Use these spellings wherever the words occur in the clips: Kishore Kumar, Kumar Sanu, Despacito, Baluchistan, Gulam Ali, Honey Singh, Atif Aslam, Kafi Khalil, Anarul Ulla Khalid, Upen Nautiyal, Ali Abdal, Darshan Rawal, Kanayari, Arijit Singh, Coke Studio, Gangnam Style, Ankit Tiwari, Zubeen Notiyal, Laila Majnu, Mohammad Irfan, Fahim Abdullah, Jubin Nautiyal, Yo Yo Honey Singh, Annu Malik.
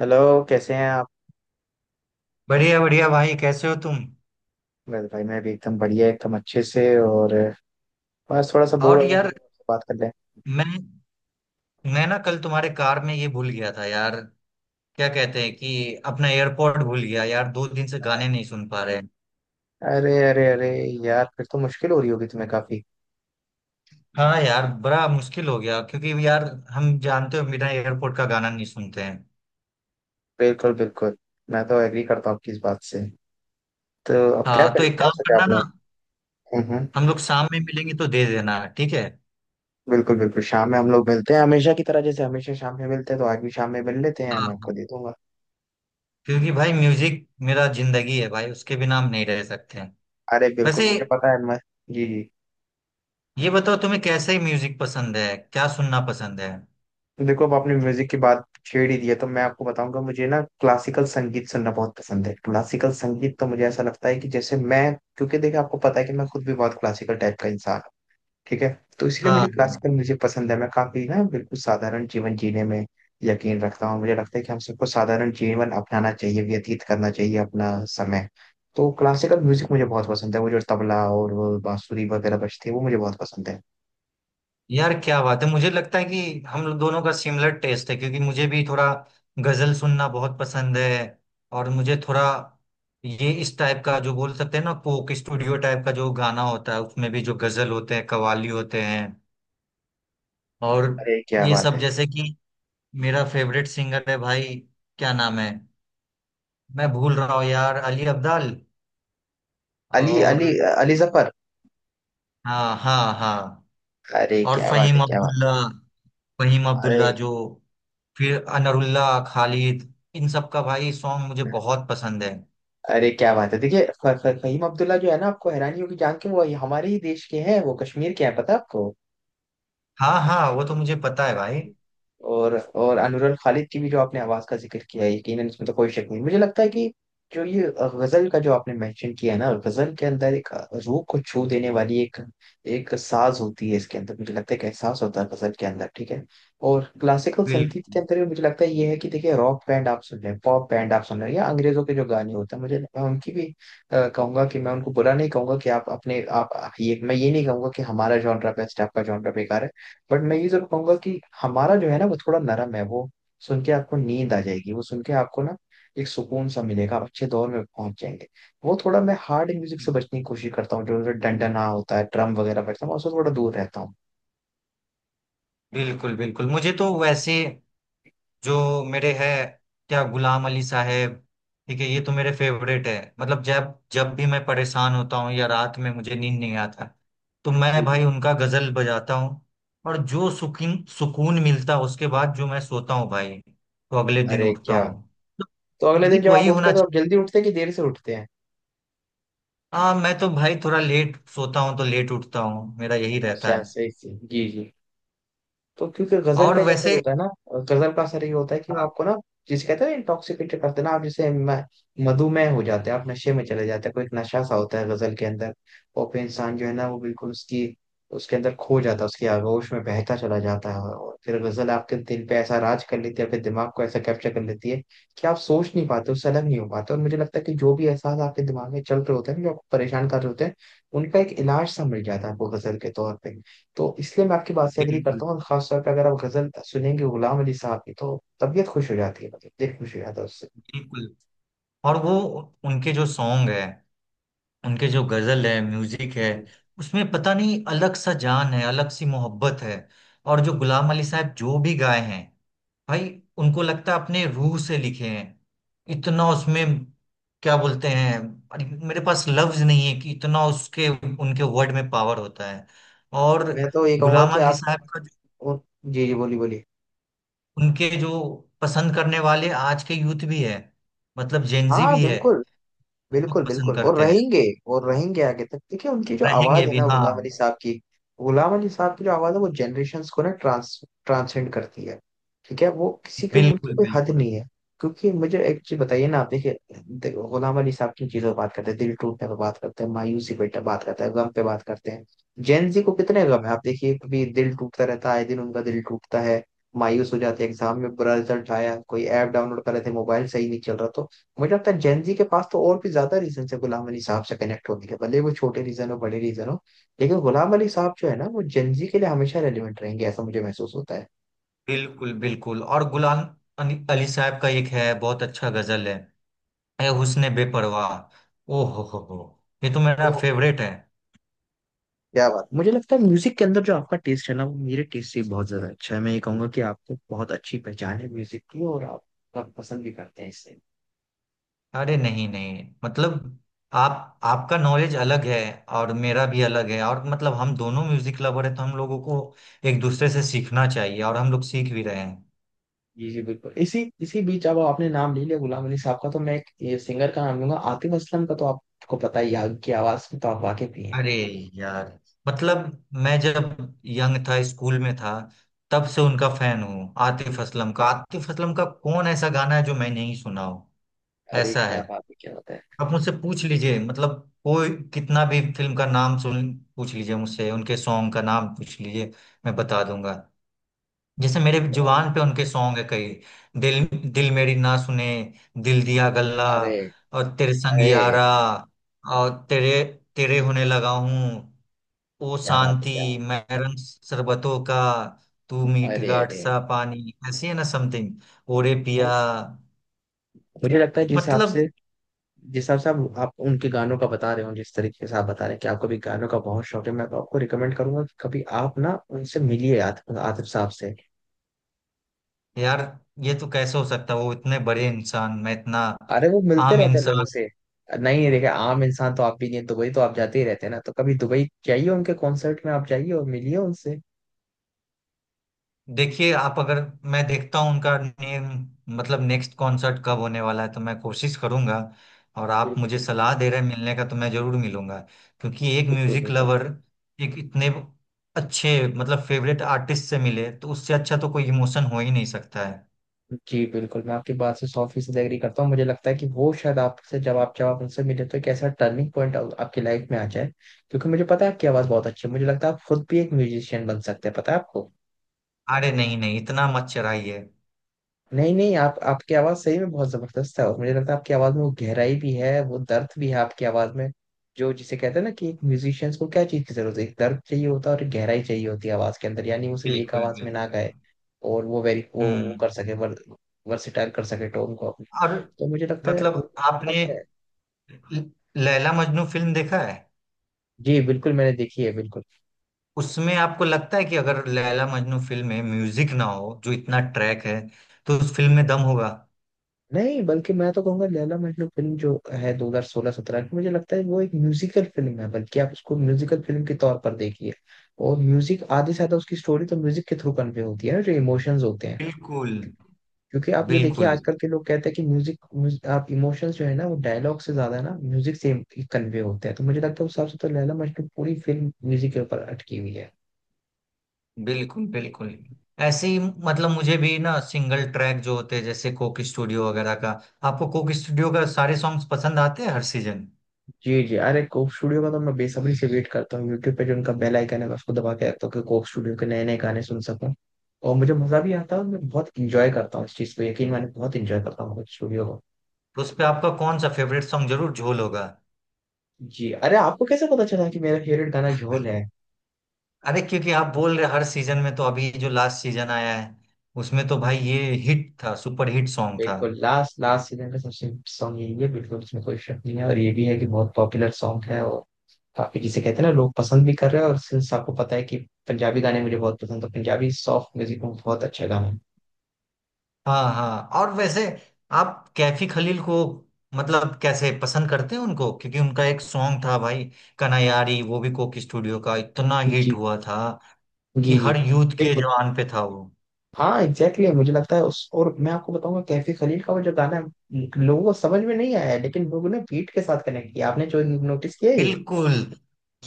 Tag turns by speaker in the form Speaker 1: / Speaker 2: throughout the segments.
Speaker 1: Hello. कैसे हैं आप?
Speaker 2: बढ़िया बढ़िया भाई, कैसे हो तुम?
Speaker 1: बस भाई मैं भी एकदम बढ़िया, एकदम अच्छे से। और बस थोड़ा सा बोर हो
Speaker 2: और
Speaker 1: रहा हूँ,
Speaker 2: यार,
Speaker 1: सोचा आपसे बात कर लें।
Speaker 2: मैं मैं ना कल तुम्हारे कार में ये भूल गया था यार। क्या कहते हैं कि अपना एयरपोर्ट भूल गया यार, दो दिन से गाने
Speaker 1: अरे
Speaker 2: नहीं सुन पा रहे हैं।
Speaker 1: अरे अरे अरे यार, फिर तो मुश्किल हो रही होगी तुम्हें काफी।
Speaker 2: हाँ यार, बड़ा मुश्किल हो गया, क्योंकि यार हम जानते हो बिना एयरपोर्ट का गाना नहीं सुनते हैं।
Speaker 1: बिल्कुल बिल्कुल, मैं तो एग्री करता हूँ आपकी इस बात से। तो अब क्या
Speaker 2: हाँ, तो
Speaker 1: करें,
Speaker 2: एक
Speaker 1: क्या
Speaker 2: काम
Speaker 1: सोचा
Speaker 2: करना
Speaker 1: आपने?
Speaker 2: ना,
Speaker 1: हम्म हम्म,
Speaker 2: हम लोग शाम में मिलेंगे तो दे देना, ठीक है।
Speaker 1: बिल्कुल बिल्कुल, शाम में हम लोग मिलते हैं हमेशा की तरह, जैसे हमेशा शाम में मिलते हैं तो आज भी शाम में मिल लेते हैं,
Speaker 2: हाँ
Speaker 1: मैं आपको
Speaker 2: हाँ।
Speaker 1: दे दूंगा।
Speaker 2: क्योंकि भाई म्यूजिक मेरा जिंदगी है भाई, उसके बिना हम नहीं रह सकते हैं।
Speaker 1: अरे बिल्कुल
Speaker 2: वैसे
Speaker 1: मुझे पता है मैं। जी जी।
Speaker 2: ये बताओ, तुम्हें कैसे म्यूजिक पसंद है, क्या सुनना पसंद है?
Speaker 1: देखो, अब आपने म्यूजिक की बात छेड़ ही दिया तो मैं आपको बताऊंगा, मुझे ना क्लासिकल संगीत सुनना बहुत पसंद है। क्लासिकल संगीत तो मुझे ऐसा लगता है कि जैसे मैं, क्योंकि देखिए आपको पता है कि मैं खुद भी बहुत क्लासिकल टाइप का इंसान हूँ। ठीक है, तो इसलिए
Speaker 2: हाँ
Speaker 1: मुझे
Speaker 2: हाँ।
Speaker 1: क्लासिकल म्यूजिक पसंद है। मैं काफी ना बिल्कुल साधारण जीवन जीने में यकीन रखता हूँ। मुझे लगता है कि हम सबको साधारण जीवन अपनाना चाहिए, व्यतीत करना चाहिए अपना समय। तो क्लासिकल म्यूजिक मुझे बहुत पसंद है, वो जो तबला और वो बांसुरी वगैरह बजती है वो मुझे बहुत पसंद है।
Speaker 2: यार क्या बात है, मुझे लगता है कि हम लोग दोनों का सिमिलर टेस्ट है, क्योंकि मुझे भी थोड़ा गजल सुनना बहुत पसंद है। और मुझे थोड़ा ये इस टाइप का, जो बोल सकते हैं ना, कोक स्टूडियो टाइप का जो गाना होता है, उसमें भी जो गजल होते हैं, कव्वाली होते हैं। और
Speaker 1: अरे क्या
Speaker 2: ये
Speaker 1: बात
Speaker 2: सब,
Speaker 1: है!
Speaker 2: जैसे कि मेरा फेवरेट सिंगर है भाई। क्या नाम है, मैं भूल रहा हूँ यार, अली अब्दाल।
Speaker 1: अली
Speaker 2: और
Speaker 1: अली, अली जफर।
Speaker 2: हाँ हाँ हाँ।
Speaker 1: अरे
Speaker 2: और
Speaker 1: क्या बात
Speaker 2: फहीम
Speaker 1: है, क्या बात!
Speaker 2: अब्दुल्ला, फहीम अब्दुल्ला
Speaker 1: अरे।
Speaker 2: जो, फिर अनरुल्ला, खालिद, इन सब का भाई सॉन्ग मुझे बहुत पसंद है।
Speaker 1: अरे क्या बात है, देखिए फहीम अब्दुल्ला जो है ना, आपको हैरानी होगी जान के, वो हमारे ही देश के हैं, वो कश्मीर के हैं, पता है आपको?
Speaker 2: हाँ हाँ वो तो मुझे पता है
Speaker 1: जी
Speaker 2: भाई।
Speaker 1: जी। और अनुरन खालिद की भी जो आपने आवाज का जिक्र किया है, यकीनन इसमें तो कोई शक नहीं। मुझे लगता है कि जो ये गजल का जो आपने मेंशन किया है ना, गजल के अंदर एक रूह को छू देने वाली एक एक साज होती है। इसके अंदर मुझे लगता है एक एहसास होता है गजल के अंदर, ठीक है। और क्लासिकल संगीत के
Speaker 2: बिल्कुल
Speaker 1: अंदर भी मुझे लगता है ये है कि देखिए, रॉक बैंड आप सुन रहे हैं, पॉप बैंड आप सुन रहे हैं, या अंग्रेजों के जो गाने होते हैं, मुझे, मैं उनकी भी कहूंगा कि मैं उनको बुरा नहीं कहूंगा कि आप अपने आप, ये मैं ये नहीं कहूंगा कि हमारा जॉनरा बेस्ट है, आपका जॉनरा बेकार है। बट मैं ये जरूर कहूंगा कि हमारा जो है ना वो थोड़ा नरम है। वो सुन के आपको नींद आ जाएगी, वो सुन के आपको ना एक सुकून सा मिलेगा, आप अच्छे दौर में पहुंच जाएंगे। वो थोड़ा, मैं हार्ड म्यूजिक से बचने की कोशिश करता हूँ। जो डंडना होता है, ड्रम वगैरह बजता है, मैं उससे थोड़ा दूर रहता हूँ।
Speaker 2: बिल्कुल। बिल्कुल मुझे तो वैसे जो मेरे है, क्या गुलाम अली साहब, ठीक है, ये तो मेरे फेवरेट है। मतलब जब जब भी मैं परेशान होता हूँ या रात में मुझे नींद नहीं आता, तो
Speaker 1: जी
Speaker 2: मैं
Speaker 1: जी।
Speaker 2: भाई उनका गजल बजाता हूँ। और जो सुकून सुकून मिलता है, उसके बाद जो मैं सोता हूँ भाई, तो अगले दिन
Speaker 1: अरे
Speaker 2: उठता
Speaker 1: क्या!
Speaker 2: हूँ।
Speaker 1: तो अगले दिन
Speaker 2: म्यूजिक
Speaker 1: जब आप
Speaker 2: वही
Speaker 1: उठते
Speaker 2: होना।
Speaker 1: हैं तो आप जल्दी उठते हैं कि देर से उठते हैं?
Speaker 2: हाँ, मैं तो भाई थोड़ा लेट सोता हूँ तो लेट उठता हूँ, मेरा यही रहता
Speaker 1: अच्छा,
Speaker 2: है।
Speaker 1: सही सही, जी जी। तो क्योंकि गजल
Speaker 2: और
Speaker 1: का ही असर
Speaker 2: वैसे,
Speaker 1: होता है ना। गजल का असर ये होता है कि वो
Speaker 2: हाँ।
Speaker 1: आपको ना जिसे कहते हैं इंटॉक्सिकेटेड करते हैं ना, आप जैसे मधुमेह हो जाते हैं, आप नशे में चले जाते हैं। कोई एक नशा सा होता है गजल के अंदर। और फिर इंसान जो है ना वो बिल्कुल उसकी, उसके अंदर खो जाता है, उसकी आगोश में बहता चला जाता है। और फिर गजल आपके दिल पे ऐसा राज कर लेती है, आपके दिमाग को ऐसा कैप्चर कर लेती है कि आप सोच नहीं पाते, उससे अलग नहीं हो पाते। और मुझे लगता है कि जो भी एहसास आपके दिमाग में चल रहे होते हैं, जो आपको परेशान कर रहे होते हैं, उनका एक इलाज सा मिल जाता है आपको गजल के तौर पे। तो इसलिए मैं आपकी बात से एग्री
Speaker 2: बिल्कुल
Speaker 1: करता हूँ, और खासतौर पे अगर आप गजल सुनेंगे गुलाम अली साहब की तो तबीयत खुश हो जाती है, मतलब दिल खुश हो जाता है उससे।
Speaker 2: बिल्कुल। और वो उनके जो सॉन्ग है, उनके जो गजल है, म्यूजिक है,
Speaker 1: जी।
Speaker 2: उसमें पता नहीं अलग सा जान है, अलग सी मोहब्बत है। और जो गुलाम अली साहब जो भी गाए हैं भाई, उनको लगता है अपने रूह से लिखे हैं। इतना उसमें, क्या बोलते हैं, अरे मेरे पास लफ्ज नहीं है कि इतना उसके उनके वर्ड में पावर होता है। और
Speaker 1: मैं तो ये कहूंगा
Speaker 2: गुलाम
Speaker 1: कि
Speaker 2: अली
Speaker 1: आप
Speaker 2: साहब का,
Speaker 1: उन- जी जी, बोली बोली।
Speaker 2: उनके जो पसंद करने वाले आज के यूथ भी है, मतलब जेनजी
Speaker 1: हाँ
Speaker 2: भी है,
Speaker 1: बिल्कुल,
Speaker 2: बहुत
Speaker 1: बिल्कुल
Speaker 2: पसंद
Speaker 1: बिल्कुल, और
Speaker 2: करते हैं।
Speaker 1: रहेंगे। और रहेंगे आगे तक। देखिए उनकी जो
Speaker 2: रहेंगे
Speaker 1: आवाज है
Speaker 2: भी,
Speaker 1: ना
Speaker 2: हाँ।
Speaker 1: गुलाम अली साहब की, गुलाम अली साहब की जो आवाज है वो जनरेशन्स को ना ट्रांस, ट्रांसेंड करती है। ठीक है, वो किसी के, उनकी
Speaker 2: बिल्कुल
Speaker 1: कोई हद
Speaker 2: बिल्कुल।
Speaker 1: नहीं है। क्योंकि मुझे एक चीज बताइए ना, आप देखिए, देखो, गुलाम अली साहब किन चीजों पर बात करते हैं? दिल टूटने पर बात करते हैं, मायूसी पे बात करते हैं, गम पे बात करते हैं। जेन जी को कितने गम है आप देखिए, कभी दिल टूटता रहता है, आए दिन उनका दिल टूटता है, मायूस हो जाते हैं, एग्जाम में बुरा रिजल्ट आया, कोई ऐप डाउनलोड कर रहे थे, मोबाइल सही नहीं चल रहा, तो मुझे लगता है जेनजी के पास तो और भी ज्यादा रीजन है गुलाम अली साहब से कनेक्ट होने के, भले वो छोटे रीजन हो, बड़े रीजन हो। लेकिन गुलाम अली साहब जो है ना वो जेनजी के लिए हमेशा रेलिवेंट रहेंगे, ऐसा मुझे महसूस होता है।
Speaker 2: बिल्कुल बिल्कुल। और गुलाम अली अली साहब का एक है बहुत अच्छा गजल है, ए हुस्न बेपरवाह, ओ हो, ये तो मेरा
Speaker 1: ओहो।
Speaker 2: फेवरेट है।
Speaker 1: क्या बात! मुझे लगता है म्यूजिक के अंदर जो आपका टेस्ट है ना वो मेरे टेस्ट से बहुत ज्यादा अच्छा है। मैं ये कहूंगा कि आपको बहुत अच्छी पहचान है म्यूजिक की, और आप पसंद भी करते हैं इससे।
Speaker 2: अरे नहीं नहीं, मतलब आप, आपका नॉलेज अलग है और मेरा भी अलग है, और मतलब हम दोनों म्यूजिक लवर है, तो हम लोगों को एक दूसरे से सीखना चाहिए और हम लोग सीख भी रहे हैं।
Speaker 1: जी जी बिल्कुल। इसी इसी बीच अब आपने नाम ले लिया गुलाम अली साहब का, तो मैं एक ये सिंगर का नाम लूंगा, आतिफ असलम का, तो आपको पता ही है, आपकी आवाज में तो आप वाकिफ ही हैं।
Speaker 2: अरे यार, मतलब मैं जब यंग था, स्कूल में था, तब से उनका फैन हूँ आतिफ असलम का।
Speaker 1: क्या-
Speaker 2: आतिफ असलम का कौन ऐसा गाना है जो मैं नहीं सुना हूँ।
Speaker 1: अरे
Speaker 2: ऐसा
Speaker 1: क्या
Speaker 2: है,
Speaker 1: बात है, क्या बात है!
Speaker 2: आप मुझसे पूछ लीजिए, मतलब कोई कितना भी फिल्म का नाम सुन पूछ लीजिए, मुझसे उनके सॉन्ग का नाम पूछ लीजिए, मैं बता दूंगा। जैसे मेरे
Speaker 1: एक कानून।
Speaker 2: जुबान पे उनके सॉन्ग है कई, दिल, दिल मेरी ना सुने, दिल दिया गल्ला,
Speaker 1: अरे।
Speaker 2: और तेरे संग
Speaker 1: अरे
Speaker 2: यारा, और तेरे, तेरे होने लगा हूँ, ओ
Speaker 1: क्या बात है,
Speaker 2: शांति,
Speaker 1: क्या बात
Speaker 2: मैरन शरबतों का, तू
Speaker 1: है!
Speaker 2: मीठ
Speaker 1: अरे
Speaker 2: गाठ
Speaker 1: अरे
Speaker 2: सा
Speaker 1: अरे
Speaker 2: पानी, ऐसी है ना समथिंग, ओरे पिया।
Speaker 1: भाई, मुझे लगता है जिस हिसाब
Speaker 2: मतलब
Speaker 1: से, जिस हिसाब से आप उनके गानों का बता रहे हो, जिस तरीके से आप बता रहे हैं कि आपको भी गानों का बहुत शौक है, मैं तो आपको रिकमेंड करूंगा कि कभी आप ना उनसे मिलिए, आतिफ, आतिफ साहब से।
Speaker 2: यार, ये तो कैसे हो सकता है, वो इतने बड़े इंसान, मैं इतना
Speaker 1: अरे वो मिलते
Speaker 2: आम
Speaker 1: रहते हैं लोगों
Speaker 2: इंसान।
Speaker 1: से। नहीं, देखे आम इंसान तो आप भी नहीं हैं, दुबई तो आप जाते ही रहते हैं ना, तो कभी दुबई जाइए, उनके कॉन्सर्ट में आप जाइए और मिलिए उनसे।
Speaker 2: देखिए आप अगर, मैं देखता हूँ उनका मतलब नेक्स्ट कॉन्सर्ट कब होने वाला है, तो मैं कोशिश करूंगा। और आप
Speaker 1: बिल्कुल
Speaker 2: मुझे
Speaker 1: बिल्कुल,
Speaker 2: सलाह दे रहे हैं मिलने का, तो मैं जरूर मिलूंगा। क्योंकि एक
Speaker 1: बिल्कुल
Speaker 2: म्यूजिक
Speaker 1: बिल्कुल।
Speaker 2: लवर, एक इतने अच्छे मतलब फेवरेट आर्टिस्ट से मिले, तो उससे अच्छा तो कोई इमोशन हो ही नहीं सकता है।
Speaker 1: जी बिल्कुल, मैं आपकी बात से सौ फीसद एग्री करता हूँ। मुझे लगता है कि वो शायद आपसे जब आप, उनसे मिले तो एक ऐसा टर्निंग पॉइंट आपकी लाइफ में आ जाए। क्योंकि मुझे पता है आपकी आवाज़ बहुत अच्छी है, मुझे लगता है आप खुद भी एक म्यूजिशियन बन सकते हैं, पता है आपको?
Speaker 2: अरे नहीं नहीं, इतना मत चढ़ाइए।
Speaker 1: नहीं नहीं, आप आपकी आवाज सही में बहुत जबरदस्त है और मुझे लगता है आपकी आवाज में वो गहराई भी है, वो दर्द भी है आपकी आवाज में। जो जिसे कहते हैं ना, कि एक म्यूजिशियंस को क्या चीज की जरूरत है? एक दर्द चाहिए होता है और एक गहराई चाहिए होती है आवाज के अंदर, यानी वो सिर्फ एक
Speaker 2: बिल्कुल
Speaker 1: आवाज में
Speaker 2: बिल्कुल।
Speaker 1: ना गाए और वो वेरी वो
Speaker 2: हम्म
Speaker 1: कर सके वर, वर्सेटाइल कर सके टोन को अपनी।
Speaker 2: और
Speaker 1: तो मुझे लगता है वो
Speaker 2: मतलब
Speaker 1: आपके पास
Speaker 2: आपने
Speaker 1: है।
Speaker 2: ल- लैला मजनू फिल्म देखा है,
Speaker 1: जी बिल्कुल, मैंने देखी है, बिल्कुल।
Speaker 2: उसमें आपको लगता है कि अगर लैला मजनू फिल्म में म्यूजिक ना हो, जो इतना ट्रैक है, तो उस फिल्म में दम होगा?
Speaker 1: नहीं, बल्कि मैं तो कहूंगा लैला मजनू फिल्म जो है 2016-17 की, मुझे लगता है वो एक म्यूजिकल फिल्म है। बल्कि आप उसको म्यूजिकल फिल्म के तौर पर देखिए, और म्यूजिक, आधे से आधा उसकी स्टोरी तो म्यूजिक के थ्रू कन्वे होती है ना, जो इमोशंस होते हैं।
Speaker 2: बिल्कुल
Speaker 1: क्योंकि आप ये देखिए
Speaker 2: बिल्कुल।
Speaker 1: आजकल के लोग कहते हैं कि आप इमोशंस जो है ना वो डायलॉग से ज्यादा ना म्यूजिक से कन्वे होते हैं। तो मुझे लगता है उस हिसाब से तो लैला मजनू पूरी फिल्म म्यूजिक के ऊपर अटकी हुई है।
Speaker 2: बिल्कुल बिल्कुल। ऐसे ही मतलब मुझे भी ना सिंगल ट्रैक जो होते हैं, जैसे कोक स्टूडियो वगैरह का, आपको कोक स्टूडियो का सारे सॉन्ग्स पसंद आते हैं हर सीजन?
Speaker 1: जी जी। अरे, कोक स्टूडियो का तो मैं बेसब्री से वेट करता हूँ, यूट्यूब पे जो उनका बेल आइकन है मैं उसको दबा के रखता हूँ कि कोक स्टूडियो के नए नए गाने सुन सकूँ। और मुझे मजा भी आता है, और मैं बहुत इंजॉय करता हूँ इस चीज को, यकीन माने बहुत इंजॉय करता हूँ कोक स्टूडियो को।
Speaker 2: तो उस पे आपका कौन सा फेवरेट सॉन्ग जरूर झोल होगा।
Speaker 1: जी। अरे आपको कैसे पता चला कि मेरा फेवरेट गाना झोल है?
Speaker 2: अरे क्योंकि आप बोल रहे हर सीजन में, तो अभी जो लास्ट सीजन आया है, उसमें तो भाई
Speaker 1: जी
Speaker 2: ये हिट था, सुपर हिट सॉन्ग था।
Speaker 1: बिल्कुल, लास्ट लास्ट सीजन का सबसे सॉन्ग यही है, बिल्कुल उसमें कोई शक नहीं है। और ये भी है कि बहुत पॉपुलर सॉन्ग है और काफी, जिसे कहते हैं ना, लोग पसंद भी कर रहे हैं। और सिंस आपको पता है कि पंजाबी गाने मुझे बहुत पसंद है, तो पंजाबी सॉफ्ट म्यूजिक में बहुत अच्छा गाना है।
Speaker 2: हाँ हाँ और वैसे आप कैफी खलील को मतलब कैसे पसंद करते हैं उनको? क्योंकि उनका एक सॉन्ग था भाई, कनायारी, वो भी कोक स्टूडियो का इतना हिट
Speaker 1: जी
Speaker 2: हुआ था कि
Speaker 1: जी जी,
Speaker 2: हर यूथ के
Speaker 1: बिल्कुल।
Speaker 2: जवान पे था वो।
Speaker 1: हाँ, एग्जैक्टली, मुझे लगता है उस, और मैं आपको बताऊंगा कैफी खलील का वो जो गाना है, लोगों को समझ में नहीं आया है, लेकिन लोगों ने बीट के साथ कनेक्ट किया, आपने जो नोटिस किया है ये।
Speaker 2: बिल्कुल।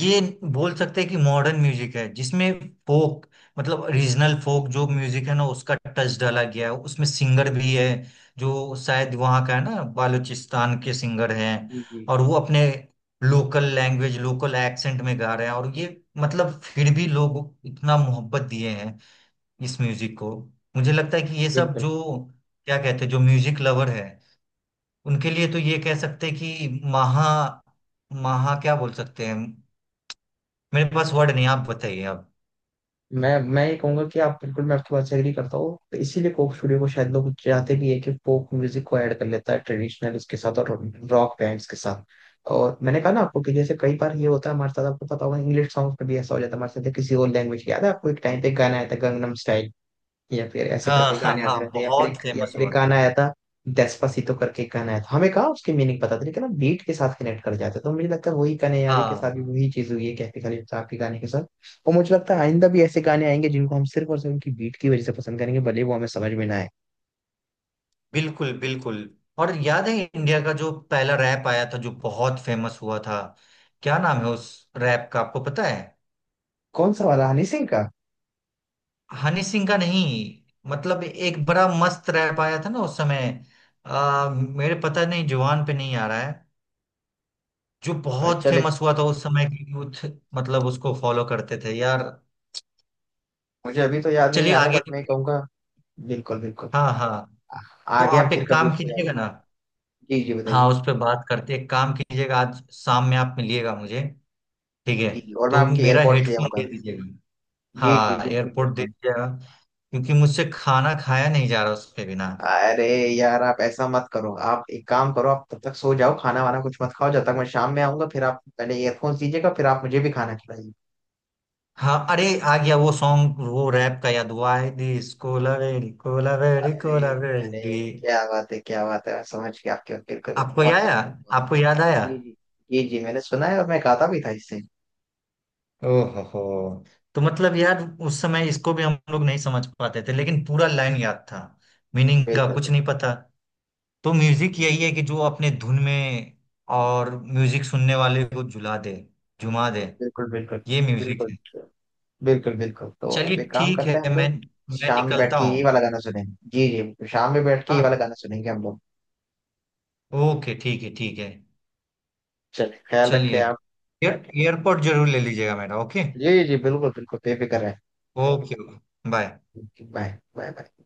Speaker 2: ये बोल सकते हैं कि मॉडर्न म्यूजिक है, जिसमें फोक, मतलब रीजनल फोक जो म्यूजिक है ना, उसका टच डाला गया है। उसमें सिंगर भी है जो शायद वहाँ का है ना, बालूचिस्तान के सिंगर हैं।
Speaker 1: जी जी जी।
Speaker 2: और वो अपने लोकल लैंग्वेज लोकल एक्सेंट में गा रहे हैं। और ये मतलब फिर भी लोग इतना मोहब्बत दिए हैं इस म्यूजिक को। मुझे लगता है कि ये सब
Speaker 1: बिल्कुल,
Speaker 2: जो, क्या कहते हैं, जो म्यूजिक लवर है, उनके लिए तो ये कह सकते हैं कि महा, महा क्या बोल सकते हैं, मेरे पास वर्ड नहीं, आप बताइए आप।
Speaker 1: मैं ये कहूंगा कि आप, बिल्कुल मैं आपकी बात से एग्री करता हूँ। तो इसीलिए कोक स्टूडियो को शायद लोग चाहते भी है कि फोक म्यूजिक को ऐड कर लेता है ट्रेडिशनल उसके साथ, और रॉक बैंड्स के साथ। और मैंने कहा ना आपको कि जैसे कई बार ये होता है हमारे साथ, आपको पता होगा इंग्लिश सॉन्ग्स में भी ऐसा हो जाता है हमारे साथ, या किसी और लैंग्वेज, याद है आपको एक टाइम पे एक गाना आया था गंगनम स्टाइल, या फिर ऐसे
Speaker 2: हाँ
Speaker 1: करके
Speaker 2: हाँ
Speaker 1: गाने
Speaker 2: हाँ,
Speaker 1: आते रहते हैं, या फिर
Speaker 2: बहुत
Speaker 1: एक, या
Speaker 2: फेमस
Speaker 1: फिर एक
Speaker 2: हुआ
Speaker 1: गाना
Speaker 2: था।
Speaker 1: आया था डेस्पासीतो करके एक गाना आया था, हमें कहा उसकी मीनिंग पता थी, लेकिन हम बीट के साथ कनेक्ट कर जाते। तो मुझे लगता है वही गाने यारी के
Speaker 2: हाँ
Speaker 1: साथ भी वही चीज हुई है कैफे खलील साहब के गाने के साथ। और मुझे लगता है आइंदा भी ऐसे गाने आएंगे जिनको हम सिर्फ और सिर्फ उनकी बीट की वजह से पसंद करेंगे, भले वो हमें समझ में ना आए।
Speaker 2: बिल्कुल बिल्कुल। और याद है इंडिया का जो पहला रैप आया था, जो बहुत फेमस हुआ था, क्या नाम है उस रैप का, आपको पता है?
Speaker 1: कौन सा वाला, हनी सिंह का?
Speaker 2: हनी सिंह का नहीं, मतलब एक बड़ा मस्त रैप आया था ना उस समय। मेरे पता नहीं जुबान पे नहीं आ रहा है। जो बहुत
Speaker 1: चले,
Speaker 2: फेमस हुआ था उस समय के यूथ, मतलब उसको फॉलो करते थे यार।
Speaker 1: मुझे अभी तो याद नहीं
Speaker 2: चलिए
Speaker 1: आ रहा है,
Speaker 2: आगे।
Speaker 1: बट मैं कहूंगा, बिल्कुल बिल्कुल।
Speaker 2: हाँ हाँ।
Speaker 1: आ-
Speaker 2: तो
Speaker 1: आगे हम
Speaker 2: आप
Speaker 1: फिर
Speaker 2: एक
Speaker 1: कभी
Speaker 2: काम
Speaker 1: उसको याद
Speaker 2: कीजिएगा
Speaker 1: करें।
Speaker 2: ना,
Speaker 1: जी जी,
Speaker 2: हाँ
Speaker 1: बताइए।
Speaker 2: उस पर बात करते, एक काम कीजिएगा, आज शाम में आप मिलिएगा मुझे, ठीक है।
Speaker 1: जी जी, और मैं
Speaker 2: तो
Speaker 1: आपके
Speaker 2: मेरा
Speaker 1: एयरपोर्ट ले
Speaker 2: हेडफोन
Speaker 1: आऊंगा।
Speaker 2: दे दीजिएगा,
Speaker 1: जी जी
Speaker 2: हाँ
Speaker 1: बिल्कुल
Speaker 2: एयरपोर्ट दे
Speaker 1: बिल्कुल।
Speaker 2: दीजिएगा, क्योंकि मुझसे खाना खाया नहीं जा रहा उसके बिना।
Speaker 1: अरे यार, आप ऐसा मत करो, आप एक काम करो, आप तब तक सो जाओ, खाना वाना कुछ मत खाओ, जब तक मैं शाम में आऊंगा। फिर आप पहले ईयरफोन्स दीजिएगा, फिर आप मुझे भी खाना खिलाइए।
Speaker 2: हाँ अरे, आ गया वो सॉन्ग, वो रैप का याद हुआ है, this kolaveri kolaveri
Speaker 1: अरे,
Speaker 2: कोला
Speaker 1: अरे
Speaker 2: वेरी।
Speaker 1: क्या बात है, क्या बात है, मैं समझ गया आपके, बिल्कुल बिल्कुल,
Speaker 2: आपको
Speaker 1: बहुत
Speaker 2: याद आया,
Speaker 1: बहुत-
Speaker 2: आपको याद आया?
Speaker 1: जी जी। जी जी, मैंने सुना है और मैं गाता भी था इससे।
Speaker 2: ओहो हो। तो मतलब यार उस समय इसको भी हम लोग नहीं समझ पाते थे, लेकिन पूरा लाइन याद था, मीनिंग का
Speaker 1: बिल्कुल
Speaker 2: कुछ नहीं
Speaker 1: बिल्कुल।
Speaker 2: पता। तो म्यूजिक
Speaker 1: जी जी
Speaker 2: यही है, कि जो अपने धुन में और म्यूजिक सुनने वाले को झुला दे, झुमा दे,
Speaker 1: बिल्कुल बिल्कुल,
Speaker 2: ये म्यूजिक
Speaker 1: बिल्कुल
Speaker 2: है।
Speaker 1: बिल्कुल। बिल्कुल, तो अब
Speaker 2: चलिए
Speaker 1: एक काम
Speaker 2: ठीक
Speaker 1: करते
Speaker 2: है,
Speaker 1: हैं हम लोग,
Speaker 2: मैं
Speaker 1: शाम में बैठ
Speaker 2: निकलता
Speaker 1: के ये
Speaker 2: हूँ।
Speaker 1: वाला गाना सुनेंगे। जी जी, शाम में बैठ के ये
Speaker 2: हाँ
Speaker 1: वाला गाना सुनेंगे हम लोग।
Speaker 2: ओके, ठीक है ठीक है।
Speaker 1: चलिए, ख्याल
Speaker 2: चलिए
Speaker 1: रखिए आप।
Speaker 2: एयरपोर्ट जरूर ले लीजिएगा मेरा, ओके।
Speaker 1: जी जी बिल्कुल बिल्कुल, बेफिक्र है।
Speaker 2: Okay, bye.
Speaker 1: Bye, bye, bye, by.